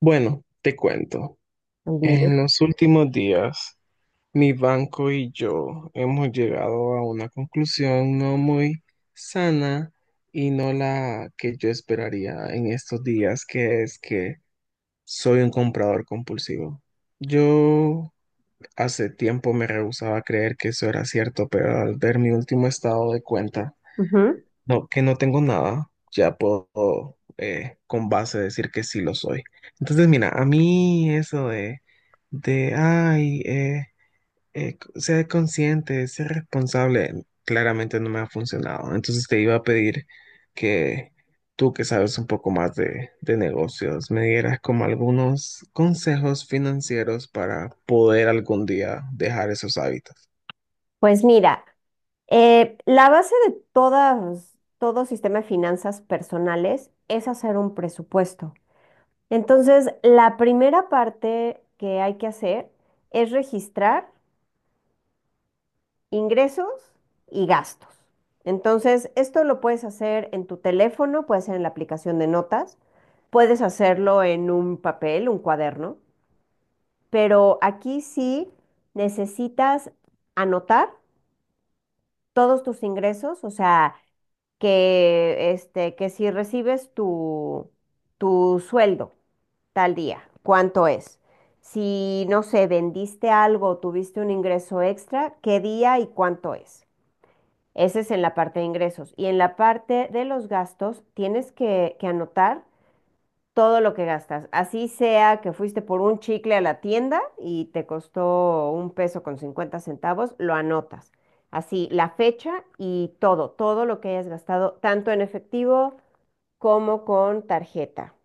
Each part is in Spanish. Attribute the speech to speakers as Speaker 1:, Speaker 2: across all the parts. Speaker 1: Bueno, te cuento. En los últimos días, mi banco y yo hemos llegado a una conclusión no muy sana y no la que yo esperaría en estos días, que es que soy un comprador compulsivo. Yo hace tiempo me rehusaba a creer que eso era cierto, pero al ver mi último estado de cuenta,
Speaker 2: Ujú.
Speaker 1: no, que no tengo nada, ya puedo con base decir que sí lo soy. Entonces, mira, a mí eso de ay, ser consciente, ser responsable, claramente no me ha funcionado. Entonces te iba a pedir que tú, que sabes un poco más de negocios, me dieras como algunos consejos financieros para poder algún día dejar esos hábitos.
Speaker 2: Pues mira, la base de todo sistema de finanzas personales es hacer un presupuesto. Entonces, la primera parte que hay que hacer es registrar ingresos y gastos. Entonces, esto lo puedes hacer en tu teléfono, puede ser en la aplicación de notas, puedes hacerlo en un papel, un cuaderno, pero aquí sí necesitas anotar todos tus ingresos, o sea, que si recibes tu sueldo tal día, ¿cuánto es? Si, no sé, vendiste algo, tuviste un ingreso extra, ¿qué día y cuánto es? Ese es en la parte de ingresos. Y en la parte de los gastos, tienes que anotar todo lo que gastas. Así sea que fuiste por un chicle a la tienda y te costó un peso con 50 centavos, lo anotas. Así, la fecha y todo, todo lo que hayas gastado, tanto en efectivo como con tarjeta.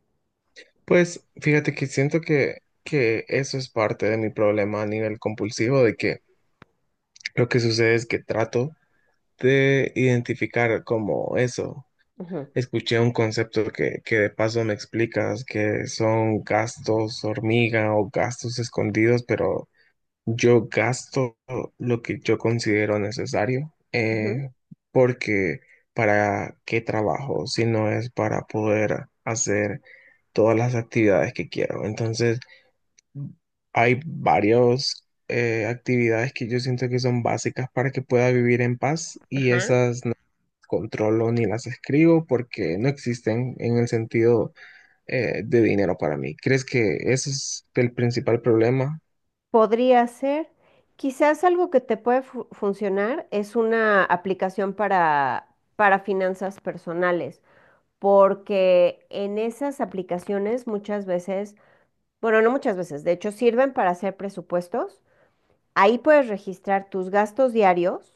Speaker 1: Pues fíjate que que eso es parte de mi problema a nivel compulsivo, de que lo que sucede es que trato de identificar como eso.
Speaker 2: Ujú.
Speaker 1: Escuché un concepto que de paso me explicas, que son gastos hormiga o gastos escondidos, pero yo gasto lo que yo considero necesario,
Speaker 2: Ujú.
Speaker 1: porque ¿para qué trabajo si no es para poder hacer todas las actividades que quiero? Entonces hay varias actividades que yo siento que son básicas para que pueda vivir en paz y
Speaker 2: Ajá.
Speaker 1: esas no las controlo ni las escribo porque no existen en el sentido de dinero para mí. ¿Crees que ese es el principal problema?
Speaker 2: Podría ser, quizás algo que te puede funcionar es una aplicación para finanzas personales, porque en esas aplicaciones muchas veces, bueno, no muchas veces. De hecho, sirven para hacer presupuestos. Ahí puedes registrar tus gastos diarios,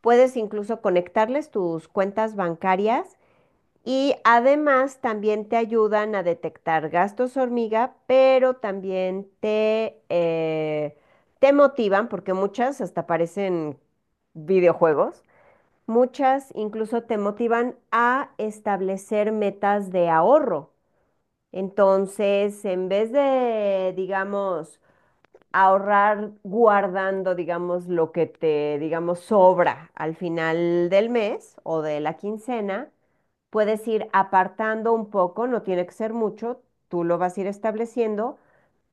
Speaker 2: puedes incluso conectarles tus cuentas bancarias y además también te ayudan a detectar gastos hormiga, pero también te motivan, porque muchas hasta parecen videojuegos. Muchas incluso te motivan a establecer metas de ahorro. Entonces, en vez de, digamos, ahorrar guardando, digamos, lo que te, digamos, sobra al final del mes o de la quincena. Puedes ir apartando un poco, no tiene que ser mucho, tú lo vas a ir estableciendo,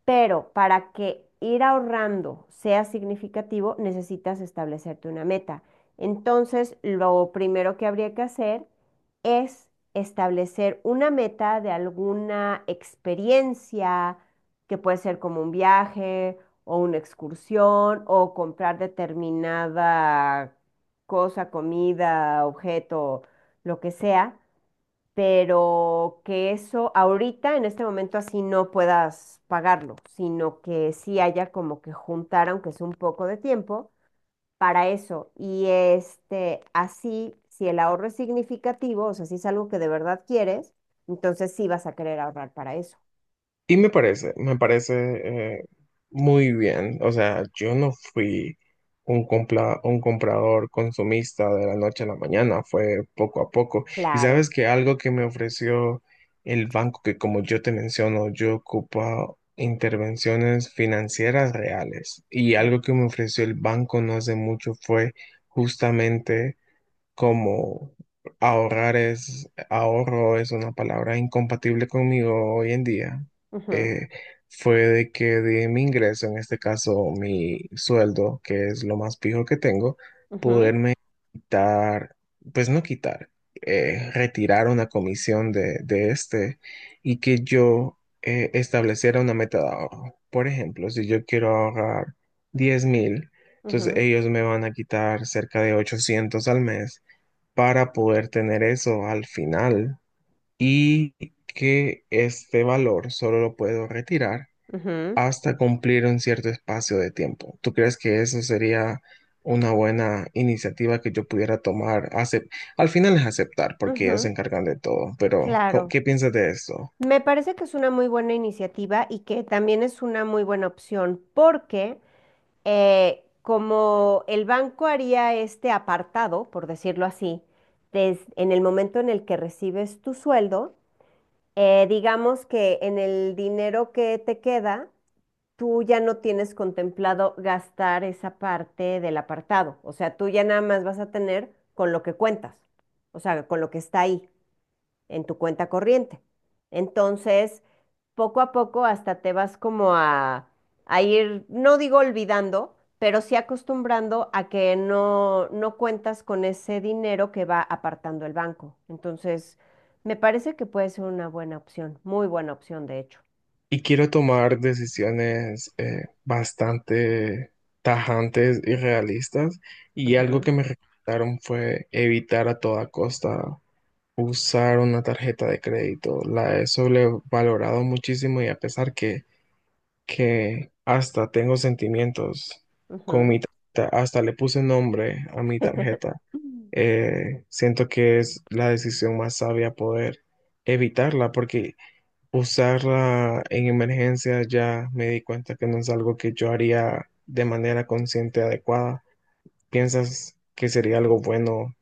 Speaker 2: pero para que ir ahorrando sea significativo, necesitas establecerte una meta. Entonces, lo primero que habría que hacer es establecer una meta de alguna experiencia, que puede ser como un viaje o una excursión o comprar determinada cosa, comida, objeto, lo que sea, pero que eso ahorita, en este momento, así no puedas pagarlo, sino que sí haya como que juntar, aunque es un poco de tiempo, para eso. Y este, así, si el ahorro es significativo, o sea, si es algo que de verdad quieres, entonces sí vas a querer ahorrar para eso.
Speaker 1: Y me parece muy bien. O sea, yo no fui un, compla- un comprador consumista de la noche a la mañana, fue poco a poco. Y
Speaker 2: Claro.
Speaker 1: sabes que algo que me ofreció el banco, que como yo te menciono, yo ocupo intervenciones financieras reales. Y
Speaker 2: Ujú,
Speaker 1: algo que me ofreció el banco no hace mucho fue justamente como ahorro es una palabra incompatible conmigo hoy en día,
Speaker 2: ujú,
Speaker 1: eh, fue de que de mi ingreso, en este caso mi sueldo, que es lo más fijo que tengo,
Speaker 2: ujú,
Speaker 1: poderme quitar, pues no quitar, retirar una comisión de este y que yo estableciera una meta de ahorro. Por ejemplo, si yo quiero ahorrar 10.000, entonces
Speaker 2: ujú,
Speaker 1: ellos me van a quitar cerca de 800 al mes para poder tener eso al final y que este valor solo lo puedo retirar
Speaker 2: ujú,
Speaker 1: hasta cumplir un cierto espacio de tiempo. ¿Tú crees que eso sería una buena iniciativa que yo pudiera tomar? Acep- al final es aceptar porque ellos se
Speaker 2: ujú.
Speaker 1: encargan de todo, pero co-
Speaker 2: Claro.
Speaker 1: ¿qué piensas de eso?
Speaker 2: Me parece que es una muy buena iniciativa y que también es una muy buena opción porque como el banco haría este apartado, por decirlo así, en el momento en el que recibes tu sueldo, digamos que en el dinero que te queda, tú ya no tienes contemplado gastar esa parte del apartado. O sea, tú ya nada más vas a tener con lo que cuentas, o sea, con lo que está ahí en tu cuenta corriente. Entonces, poco a poco hasta te vas como a ir, no digo olvidando, pero sí acostumbrando a que no, no cuentas con ese dinero que va apartando el banco. Entonces, me parece que puede ser una buena opción, muy buena opción, de hecho.
Speaker 1: Y quiero tomar decisiones bastante tajantes y realistas y algo que me recomendaron fue evitar a toda costa usar una tarjeta de crédito. La he sobrevalorado muchísimo y a pesar que hasta tengo sentimientos
Speaker 2: Ujú,
Speaker 1: con mi
Speaker 2: ujú.
Speaker 1: tarjeta, hasta le puse nombre a mi tarjeta, siento que es la decisión más sabia poder evitarla porque usarla en emergencia ya me di cuenta que no es algo que yo haría de manera consciente adecuada. ¿Piensas que sería algo bueno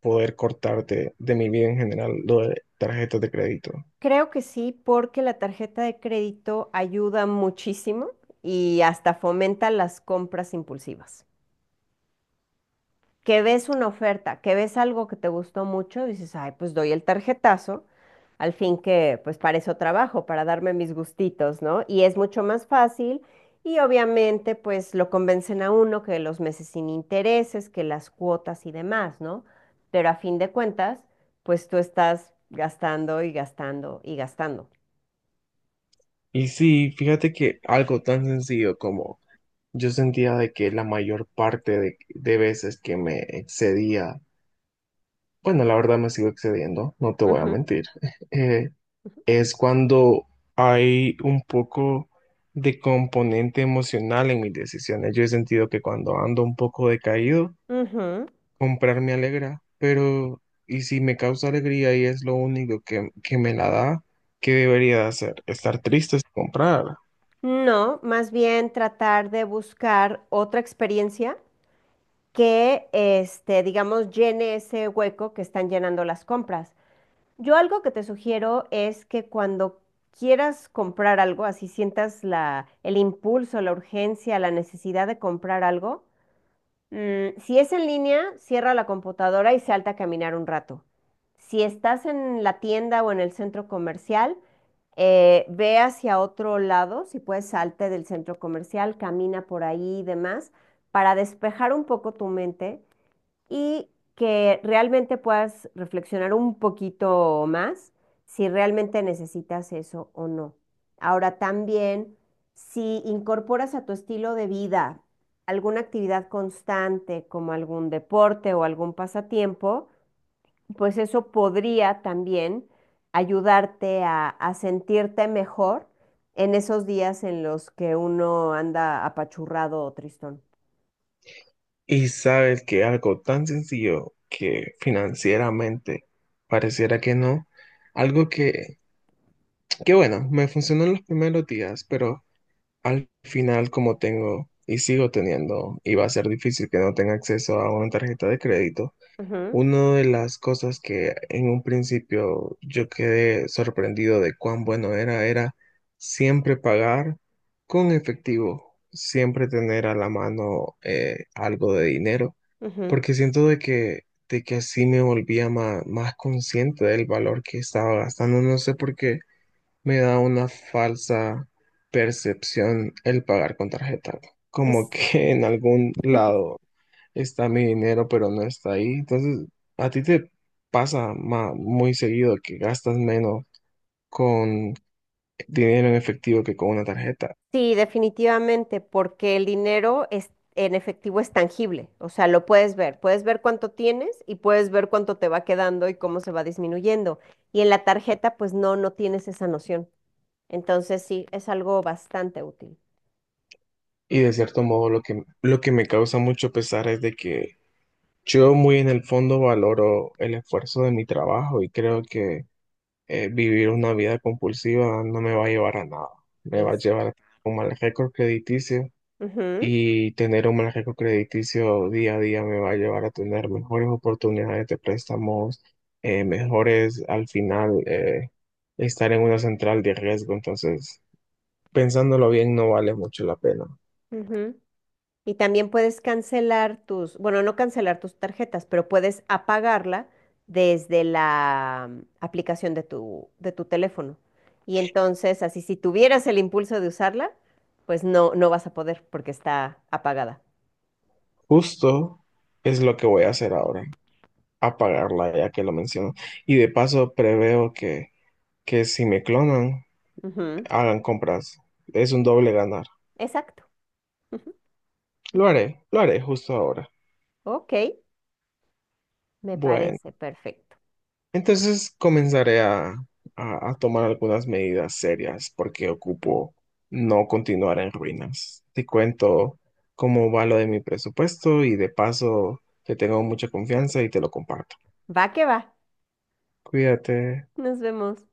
Speaker 1: poder cortarte de mi vida en general lo de tarjetas de crédito?
Speaker 2: Creo que sí, porque la tarjeta de crédito ayuda muchísimo y hasta fomenta las compras impulsivas. Que ves una oferta, que ves algo que te gustó mucho, dices, ay, pues doy el tarjetazo, al fin que pues para eso trabajo, para darme mis gustitos, ¿no? Y es mucho más fácil y obviamente pues lo convencen a uno que los meses sin intereses, que las cuotas y demás, ¿no? Pero a fin de cuentas, pues tú estás gastando y gastando y gastando.
Speaker 1: Y sí, fíjate que algo tan sencillo como yo sentía de que la mayor parte de veces que me excedía, bueno, la verdad me sigo excediendo, no te voy a
Speaker 2: Ujú,
Speaker 1: mentir, eh, es cuando hay un poco de componente emocional en mis decisiones. Yo he sentido que cuando ando un poco decaído,
Speaker 2: ujú.
Speaker 1: comprar me alegra, pero ¿y si me causa alegría y es lo único que me la da? ¿Qué debería de hacer? Estar triste es comprar.
Speaker 2: No, más bien tratar de buscar otra experiencia que, este, digamos, llene ese hueco que están llenando las compras. Yo algo que te sugiero es que cuando quieras comprar algo, así sientas la, el impulso, la urgencia, la necesidad de comprar algo, si es en línea, cierra la computadora y salta a caminar un rato. Si estás en la tienda o en el centro comercial, ve hacia otro lado, si puedes salte del centro comercial, camina por ahí y demás, para despejar un poco tu mente y que realmente puedas reflexionar un poquito más si realmente necesitas eso o no. Ahora también, si incorporas a tu estilo de vida alguna actividad constante como algún deporte o algún pasatiempo, pues eso podría también ayudarte a sentirte mejor en esos días en los que uno anda apachurrado o tristón.
Speaker 1: Y sabes que algo tan sencillo que financieramente pareciera que no, algo que bueno, me funcionó en los primeros días, pero al final como tengo y sigo teniendo, y va a ser difícil que no tenga acceso a una tarjeta de crédito,
Speaker 2: Ujú,
Speaker 1: una de las cosas que en un principio yo quedé sorprendido de cuán bueno era, era siempre pagar con efectivo, siempre tener a la mano algo de dinero,
Speaker 2: ujú.
Speaker 1: porque de que así me volvía ma- más, consciente del valor que estaba gastando. No sé por qué me da una falsa percepción el pagar con tarjeta, como
Speaker 2: Es
Speaker 1: que en algún lado está mi dinero, pero no está ahí. Entonces, a ti te pasa ma- muy seguido que gastas menos con dinero en efectivo que con una tarjeta.
Speaker 2: Sí, definitivamente, porque el dinero es, en efectivo es tangible, o sea, lo puedes ver cuánto tienes y puedes ver cuánto te va quedando y cómo se va disminuyendo. Y en la tarjeta, pues no, no tienes esa noción. Entonces, sí, es algo bastante útil.
Speaker 1: Y de cierto modo, lo que me causa mucho pesar es de que yo muy en el fondo valoro el esfuerzo de mi trabajo y creo que vivir una vida compulsiva no me va a llevar a nada. Me va a
Speaker 2: Es.
Speaker 1: llevar a un mal récord crediticio
Speaker 2: Ujú,
Speaker 1: y tener un mal récord crediticio día a día me va a llevar a tener mejores oportunidades de préstamos, mejores al final estar en una central de riesgo. Entonces, pensándolo bien, no vale mucho la pena.
Speaker 2: ujú. Y también puedes cancelar tus, bueno, no cancelar tus tarjetas, pero puedes apagarla desde la aplicación de tu teléfono. Y entonces, así si tuvieras el impulso de usarla, pues no, no vas a poder porque está apagada.
Speaker 1: Justo es lo que voy a hacer ahora, apagarla ya que lo menciono. Y de paso preveo que si me clonan,
Speaker 2: Ujú.
Speaker 1: hagan compras. Es un doble ganar.
Speaker 2: Exacto. Ujú.
Speaker 1: Lo haré justo ahora.
Speaker 2: Ok, me
Speaker 1: Bueno.
Speaker 2: parece perfecto.
Speaker 1: Entonces comenzaré a tomar algunas medidas serias porque ocupo no continuar en ruinas. Te cuento cómo va lo de mi presupuesto y de paso que tengo mucha confianza y te lo comparto.
Speaker 2: Va que va.
Speaker 1: Cuídate.
Speaker 2: Nos vemos.